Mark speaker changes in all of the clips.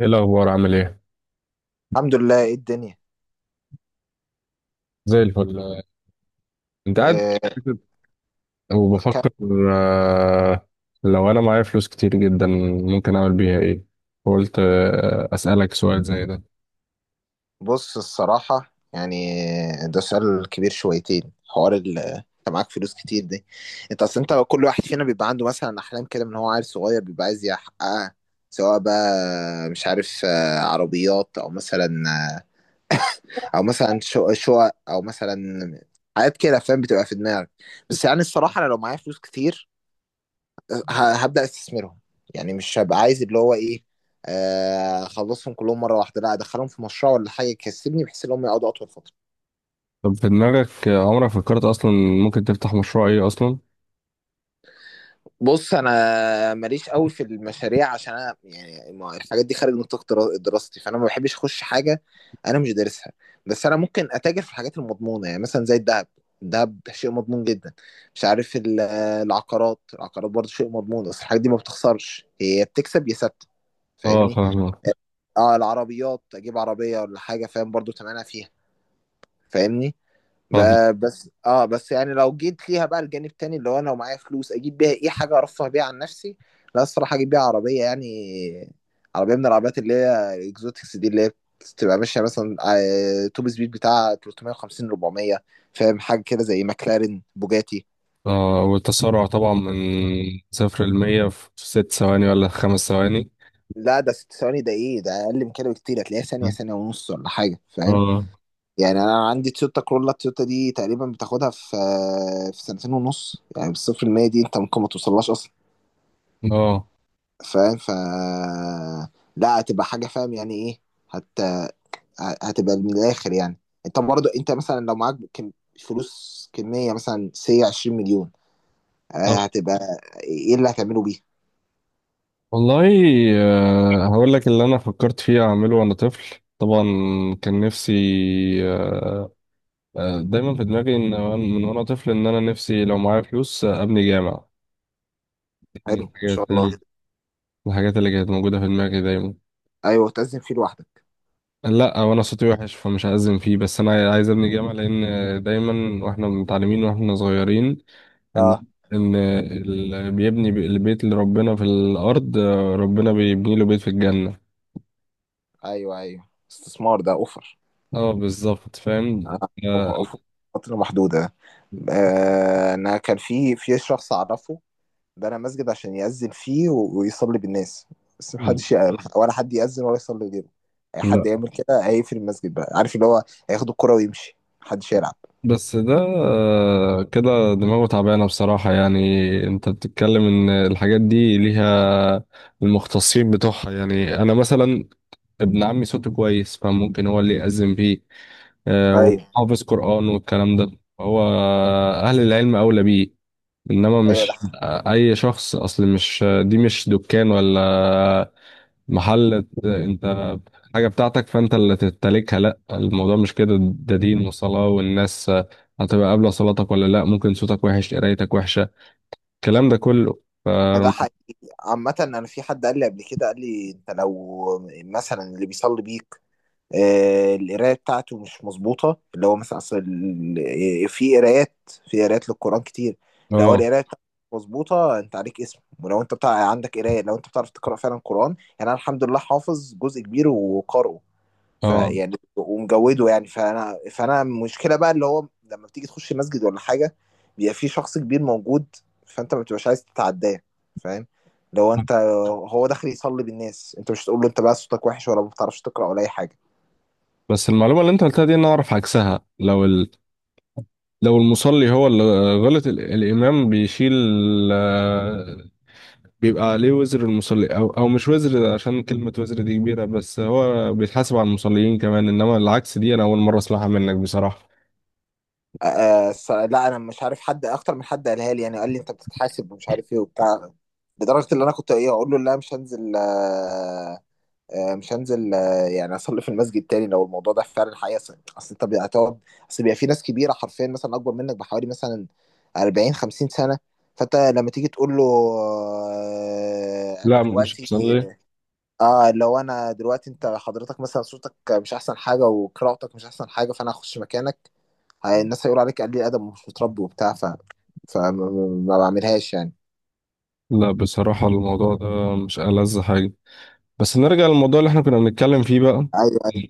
Speaker 1: ايه الاخبار؟ عامل ايه؟
Speaker 2: الحمد لله، ايه الدنيا؟
Speaker 1: زي الفل. انت قاعد
Speaker 2: إيه.
Speaker 1: كده
Speaker 2: كان...
Speaker 1: وبفكر، آه، لو انا معايا فلوس كتير جدا ممكن اعمل بيها ايه؟ قلت اسالك سؤال زي ده.
Speaker 2: بص، الصراحة يعني ده سؤال كبير شويتين. حوار انت معاك فلوس كتير دي. انت اصل انت كل واحد فينا بيبقى عنده مثلا احلام كده، من هو عيل صغير بيبقى عايز يحققها. سواء بقى مش عارف، عربيات او مثلا، او مثلا شقق، او مثلا حاجات كده، فاهم، بتبقى في دماغك. بس يعني الصراحة انا لو معايا فلوس كتير هبدأ استثمرهم. يعني مش هبقى عايز اللي هو ايه، اخلصهم كلهم مره واحده، لا ادخلهم في مشروع ولا حاجه يكسبني، بحيث ان هم يقعدوا اطول فتره.
Speaker 1: طب في دماغك، عمرك فكرت اصلا ممكن تفتح مشروع ايه اصلا؟
Speaker 2: بص انا ماليش قوي في المشاريع عشان انا يعني الحاجات دي خارج نطاق دراستي، فانا ما بحبش اخش حاجه انا مش دارسها. بس انا ممكن اتاجر في الحاجات المضمونه، يعني مثلا زي الذهب. الذهب شيء مضمون جدا. مش عارف العقارات، العقارات برضه شيء مضمون. بس الحاجات دي ما بتخسرش، هي بتكسب يا ثابته.
Speaker 1: اه
Speaker 2: فاهمني.
Speaker 1: فاهم،
Speaker 2: اه العربيات اجيب عربيه ولا حاجه، فاهم، برضو تمنها فيها. فاهمني.
Speaker 1: فاهم.
Speaker 2: بس يعني لو جيت ليها بقى الجانب التاني اللي هو انا لو معايا فلوس اجيب بيها ايه، حاجه ارفه بيها عن نفسي. لا الصراحه اجيب بيها عربيه يعني. عربيه من العربيات اللي هي الاكزوتكس دي، اللي هي بتبقى ماشيه مثلا، توب سبيد بتاع 350 400. فاهم حاجه كده زي ماكلارين، بوجاتي.
Speaker 1: آه، والتسارع طبعا من 0 لـ100 في 6 ثواني ولا 5 ثواني؟
Speaker 2: لا ده ست ثواني، ده ايه ده؟ اقل من كده بكتير، هتلاقيها ثانيه، ثانيه ونص ولا حاجه، فاهم.
Speaker 1: اه.
Speaker 2: يعني انا عندي تويوتا كرولا، التويوتا دي تقريبا بتاخدها في سنتين ونص، يعني بالصفر المية دي انت ممكن ما توصلهاش اصلا.
Speaker 1: اه.
Speaker 2: فاهم. ف- لا هتبقى حاجه فاهم يعني ايه. هت... هتبقى من الاخر يعني. انت برضه انت مثلا لو معاك كم... فلوس كميه مثلا سي 20 مليون، هتبقى ايه اللي هتعمله بيها؟
Speaker 1: والله، هقول لك اللي انا فكرت فيه اعمله وانا طفل طبعا. كان نفسي، آه، دايما في دماغي ان من وانا طفل ان انا نفسي لو معايا فلوس ابني جامع. من
Speaker 2: حلو، ما شاء
Speaker 1: الحاجات
Speaker 2: الله.
Speaker 1: الحاجات اللي كانت موجوده في دماغي دايما.
Speaker 2: ايوه تزن فيه لوحدك.
Speaker 1: لا، وانا صوتي وحش فمش هأذن فيه، بس انا عايز ابني جامع لان دايما واحنا متعلمين واحنا صغيرين
Speaker 2: اه.
Speaker 1: ان ان اللي بيبني البيت لربنا في الارض ربنا بيبني له بيت في الجنه.
Speaker 2: ايوه، ايوه، استثمار ده اوفر.
Speaker 1: اه بالظبط فاهم.
Speaker 2: آه، ف- فترة محدودة. أنا كان في شخص أعرفه بنى مسجد عشان يأذن فيه ويصلي بالناس. بس
Speaker 1: مم.
Speaker 2: محدش ولا حد يأذن ولا يصلي غيره. أي
Speaker 1: لا.
Speaker 2: حد يعمل كده هيقفل المسجد بقى، عارف اللي هو، هياخد الكرة ويمشي، محدش يلعب.
Speaker 1: بس ده كده دماغه تعبانة بصراحة، يعني. انت بتتكلم ان الحاجات دي ليها المختصين بتوعها. يعني انا مثلا ابن عمي صوته كويس فممكن هو اللي يأذن بيه،
Speaker 2: ايوه
Speaker 1: وحافظ قرآن والكلام ده. هو اهل العلم اولى بيه، انما مش
Speaker 2: ايوه.
Speaker 1: اي شخص. اصل مش دي، مش دكان ولا محل انت حاجة بتاعتك فانت اللي تمتلكها. لا الموضوع مش كده، ده دين وصلاة والناس هتبقى قابلة صلاتك ولا لا. ممكن صوتك وحش، قرايتك وحشة، الكلام ده كله. ف
Speaker 2: ده ده حقيقي. عامة أنا في حد قال لي قبل كده، قال لي أنت لو مثلا اللي بيصلي بيك القرايه بتاعته مش مظبوطه اللي هو مثلا اصل في قرايات، في قرايات للقران كتير. لو هو
Speaker 1: اه.
Speaker 2: القرايه بتاعته مش مظبوطه انت عليك اسم. ولو انت بتاع عندك قرايه، لو انت بتعرف تقرا فعلا قران، يعني انا الحمد لله حافظ جزء كبير وقارئه
Speaker 1: اه.
Speaker 2: فيعني ومجوده يعني. فانا، فانا المشكله بقى اللي هو لما بتيجي تخش مسجد ولا حاجه بيبقى في شخص كبير موجود، فانت ما بتبقاش عايز تتعداه، فاهم. لو انت هو داخل يصلي بالناس، انت مش تقول له انت بقى صوتك وحش، ولا ما بتعرفش تقرا، ولا اي حاجه.
Speaker 1: بس المعلومة اللي انت قلتها دي انا اعرف عكسها. لو لو المصلي هو اللي غلط، الامام بيشيل، آه، بيبقى عليه وزر المصلي، او مش وزر، عشان كلمة وزر دي كبيرة، بس هو بيتحاسب على المصليين كمان. انما العكس دي انا اول مرة اسمعها منك بصراحة.
Speaker 2: آه. لا انا مش عارف حد اكتر من حد قالها لي يعني، قال لي انت بتتحاسب ومش عارف ايه وبتاع، لدرجه ان انا كنت ايه اقول له لا مش هنزل آه، آه مش هنزل آه يعني اصلي في المسجد تاني لو الموضوع ده فعلا حقيقه. اصل، أصل انت هتقعد اصل بيبقى في ناس كبيره حرفيا مثلا اكبر منك بحوالي مثلا 40 50 سنه. فانت لما تيجي تقول له آه انا
Speaker 1: لا مش
Speaker 2: دلوقتي،
Speaker 1: بصلي.
Speaker 2: اه لو انا دلوقتي انت حضرتك مثلا صوتك مش احسن حاجه وقراءتك مش احسن حاجه، فانا هخش مكانك، الناس هيقولوا عليك قليل ادب ومش متربي وبتاع. ف فما ما بعملهاش يعني.
Speaker 1: لا بصراحة الموضوع ده مش ألذ حاجة. بس نرجع للموضوع اللي احنا كنا بنتكلم فيه بقى.
Speaker 2: ايوه ايوه.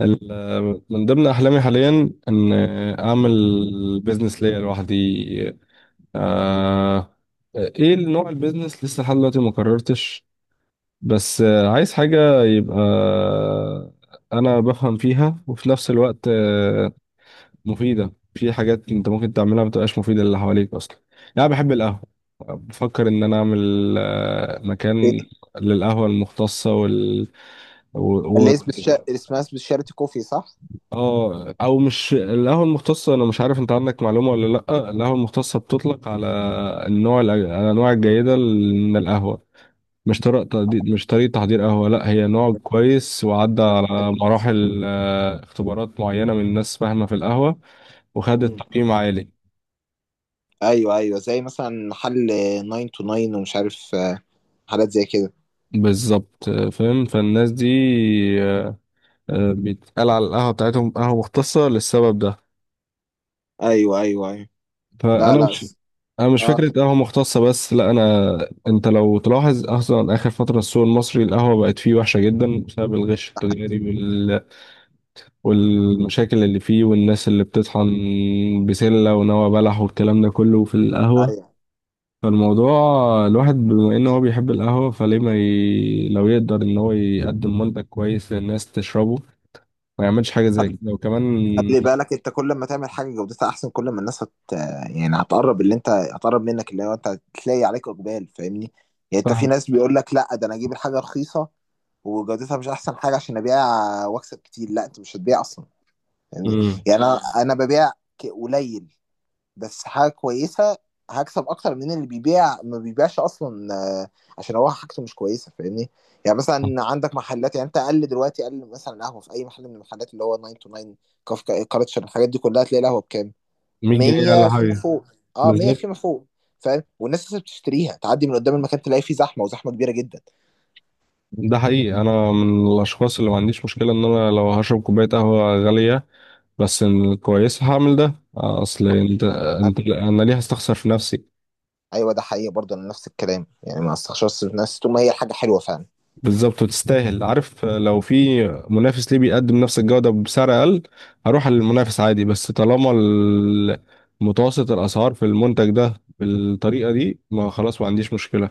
Speaker 1: من ضمن أحلامي حاليا إن أعمل بيزنس ليا لوحدي. آه إيه نوع البيزنس؟ لسه لحد دلوقتي ما قررتش. بس عايز حاجة يبقى أنا بفهم فيها وفي نفس الوقت مفيدة. في حاجات انت ممكن تعملها بتبقاش مفيدة للي حواليك اصلا. يعني انا بحب القهوة، بفكر ان انا اعمل
Speaker 2: إيه؟
Speaker 1: مكان للقهوة المختصة و... و...
Speaker 2: اللي اسمه شا... اسمها اسمه شارتي كوفي، صح؟
Speaker 1: اه، او مش القهوة المختصة. انا مش عارف انت عندك معلومة ولا لا. القهوة المختصة بتطلق على الانواع الجيدة من القهوة. مش طريقة تحضير، قهوة. لا هي نوع كويس وعدى على
Speaker 2: حبيبي.
Speaker 1: مراحل، اختبارات معينة من ناس فاهمة في القهوة وخدت
Speaker 2: مم.
Speaker 1: تقييم عالي.
Speaker 2: ايوه ايوه زي مثلا محل 9 to 9 ومش عارف، حاجات زي كده.
Speaker 1: بالظبط، فاهم. فالناس دي آه، بيتقال على القهوة بتاعتهم قهوة مختصة للسبب ده.
Speaker 2: ايوه ايوه ايوه. لا
Speaker 1: فأنا
Speaker 2: لا
Speaker 1: مش
Speaker 2: س-.
Speaker 1: أنا مش
Speaker 2: اه
Speaker 1: فكرة
Speaker 2: ك-.
Speaker 1: قهوة مختصة بس، لا أنت لو تلاحظ أصلا آخر فترة السوق المصري القهوة بقت فيه وحشة جدا بسبب الغش التجاري والمشاكل اللي فيه والناس اللي بتطحن بسلة ونوى بلح والكلام ده كله في القهوة.
Speaker 2: ايوه
Speaker 1: فالموضوع الواحد، بما إن هو بيحب القهوة، فليه ما لو يقدر إن هو يقدم منتج كويس للناس تشربه ما يعملش حاجة زي كده؟ وكمان.
Speaker 2: خلي بالك، انت كل ما تعمل حاجه جودتها احسن كل ما الناس هت... يعني هتقرب، اللي انت هتقرب منك اللي هو انت هتلاقي عليك اقبال، فاهمني. يعني انت في
Speaker 1: صح.
Speaker 2: ناس بيقول لك لا ده انا اجيب الحاجه رخيصه وجودتها مش احسن حاجه عشان ابيع واكسب كتير. لا انت مش هتبيع اصلا، فاهمني.
Speaker 1: مم.
Speaker 2: يعني انا انا ببيع قليل بس حاجه كويسه، هكسب اكتر من اللي بيبيع ما بيبيعش اصلا، عشان هو حاجته مش كويسه، فاهمني. يعني مثلا عندك محلات، يعني انت اقل دلوقتي اقل مثلا قهوه في اي محل من المحلات اللي هو 9 تو 9، كافكا كالتشر، الحاجات دي كلها، تلاقي القهوه بكام؟
Speaker 1: 100 جنيه ولا
Speaker 2: 100 فيما
Speaker 1: حاجة.
Speaker 2: فوق. اه 100
Speaker 1: بالظبط،
Speaker 2: فيما فوق. فاهم، والناس لسه بتشتريها، تعدي من قدام المكان تلاقي فيه زحمه، وزحمه كبيره جدا.
Speaker 1: ده حقيقي. أنا من الأشخاص اللي ما عنديش مشكلة إن أنا لو هشرب كوباية قهوة غالية بس إن كويس هعمل ده. أصل أنت أنت أنا ليه هستخسر في نفسي؟
Speaker 2: ايوه ده حقيقي. برضه انا نفس الكلام يعني ما استخسرش نفسي طول ما هي حاجه حلوه فعلا.
Speaker 1: بالظبط، وتستاهل. عارف، لو في منافس ليه بيقدم نفس الجودة بسعر أقل هروح للمنافس عادي. بس طالما متوسط الأسعار في المنتج ده بالطريقة دي، ما خلاص ما عنديش مشكلة.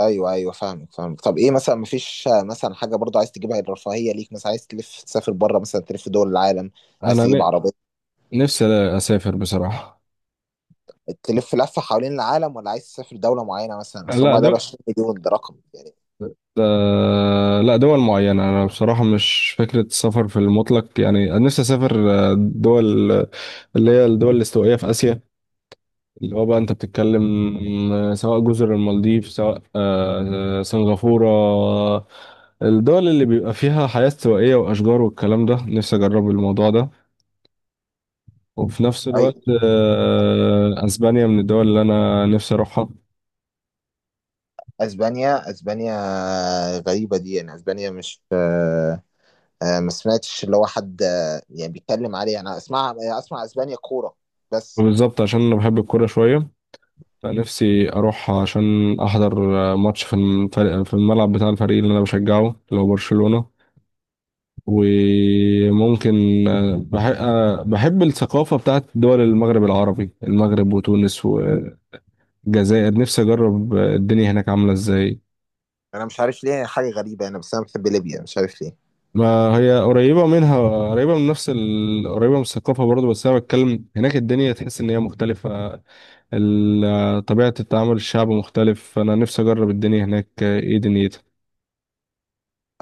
Speaker 2: ايوه ايوه فاهمك فاهمك. طب ايه مثلا؟ مفيش مثلا حاجه برضو عايز تجيبها الرفاهيه ليك؟ مثلا عايز تلف تسافر بره، مثلا تلف دول العالم، عايز تجيب
Speaker 1: أنا
Speaker 2: عربيه،
Speaker 1: نفسي اسافر بصراحه.
Speaker 2: تلف لفه حوالين العالم، ولا عايز تسافر دوله معينه مثلا؟ اصل
Speaker 1: لا
Speaker 2: هم دول
Speaker 1: دول،
Speaker 2: 20 مليون ده، رقم.
Speaker 1: لا دول معينه. انا بصراحه مش فكره السفر في المطلق، يعني أنا نفسي اسافر دول اللي هي الدول الاستوائيه في اسيا، اللي هو بقى انت بتتكلم، سواء جزر المالديف، سواء سنغافوره. الدول اللي بيبقى فيها حياه استوائيه واشجار والكلام ده، نفسي اجرب الموضوع ده. وفي نفس الوقت
Speaker 2: ايوه.
Speaker 1: اسبانيا من الدول اللي انا نفسي اروحها.
Speaker 2: اسبانيا، اسبانيا غريبه دي يعني. اسبانيا مش ما سمعتش اللي هو حد، يعني بيتكلم عليها. انا اسمع اسمع اسبانيا كوره بس.
Speaker 1: بالظبط، عشان انا بحب الكوره شويه. أنا نفسي أروح عشان أحضر ماتش في الفريق، في الملعب بتاع الفريق اللي أنا بشجعه اللي هو برشلونة. وممكن بحب, بحب الثقافة بتاعت دول المغرب العربي: المغرب وتونس والجزائر. نفسي أجرب الدنيا هناك عاملة إزاي.
Speaker 2: انا مش عارف ليه، حاجه غريبه، انا بس انا بحب ليبيا مش عارف ليه.
Speaker 1: ما هي قريبة منها، قريبة من الثقافة برضه، بس أنا بتكلم هناك الدنيا تحس إن هي مختلفة. طبيعة التعامل، الشعب مختلف. أنا نفسي أجرب الدنيا هناك إيه دنيتها.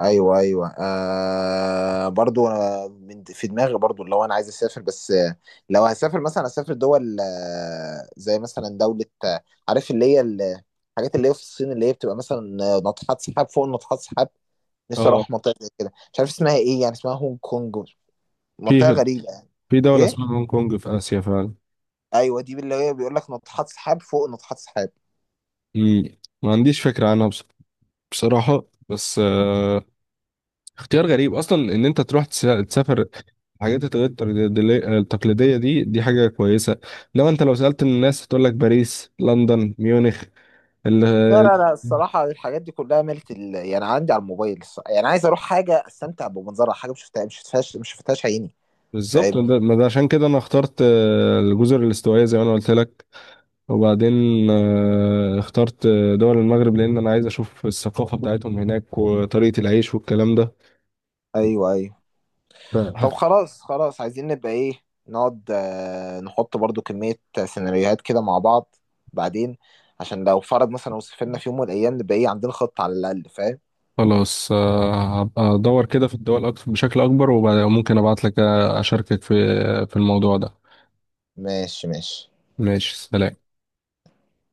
Speaker 2: ايوه ايوه آه برضو. أنا من في دماغي برضو لو انا عايز اسافر، بس لو هسافر مثلا اسافر دول، زي مثلا دولة، عارف اللي هي الحاجات اللي هي في الصين، اللي هي بتبقى مثلا، ناطحات سحاب فوق ناطحات سحاب. نفسي
Speaker 1: اه،
Speaker 2: اروح منطقة زي كده، مش عارف اسمها ايه، يعني اسمها هونج كونج. منطقة
Speaker 1: في
Speaker 2: غريبة يعني.
Speaker 1: في دولة
Speaker 2: ايه.
Speaker 1: اسمها هونج كونج في آسيا فعلا.
Speaker 2: ايوه دي اللي هي بيقول لك ناطحات سحاب فوق ناطحات سحاب.
Speaker 1: مم. ما عنديش فكرة عنها. بصراحة، بس اختيار غريب أصلا إن أنت تروح تسافر الحاجات الغير تقليدية. التقليدية دي، دي حاجة كويسة. إنما أنت لو سألت الناس هتقول لك باريس، لندن، ميونخ. ال
Speaker 2: لا
Speaker 1: ال-
Speaker 2: لا لا، الصراحة الحاجات دي كلها ملت ال... يعني عندي على الموبايل الصراحة. يعني عايز اروح حاجة استمتع بمنظرها، حاجة مش شفتها، مش شفتهاش عيني.
Speaker 1: بالظبط.
Speaker 2: فاهم.
Speaker 1: ما ده عشان كده أنا اخترت الجزر الاستوائية زي ما أنا قلت لك. وبعدين اخترت دول المغرب لأن أنا عايز أشوف الثقافة بتاعتهم هناك وطريقة العيش والكلام
Speaker 2: ايوه ايوه.
Speaker 1: ده.
Speaker 2: طب خلاص خلاص عايزين نبقى ايه، نقعد نحط برضو كمية سيناريوهات كده مع بعض، بعدين عشان لو فرض مثلا لو سافرنا في يوم من الايام نبقى ايه عندنا خطة على الاقل، فاهم.
Speaker 1: خلاص، هبقى ادور كده في الدول اكتر بشكل اكبر وممكن ابعت لك، اشاركك في في الموضوع ده.
Speaker 2: ماشي ماشي.
Speaker 1: ماشي، سلام.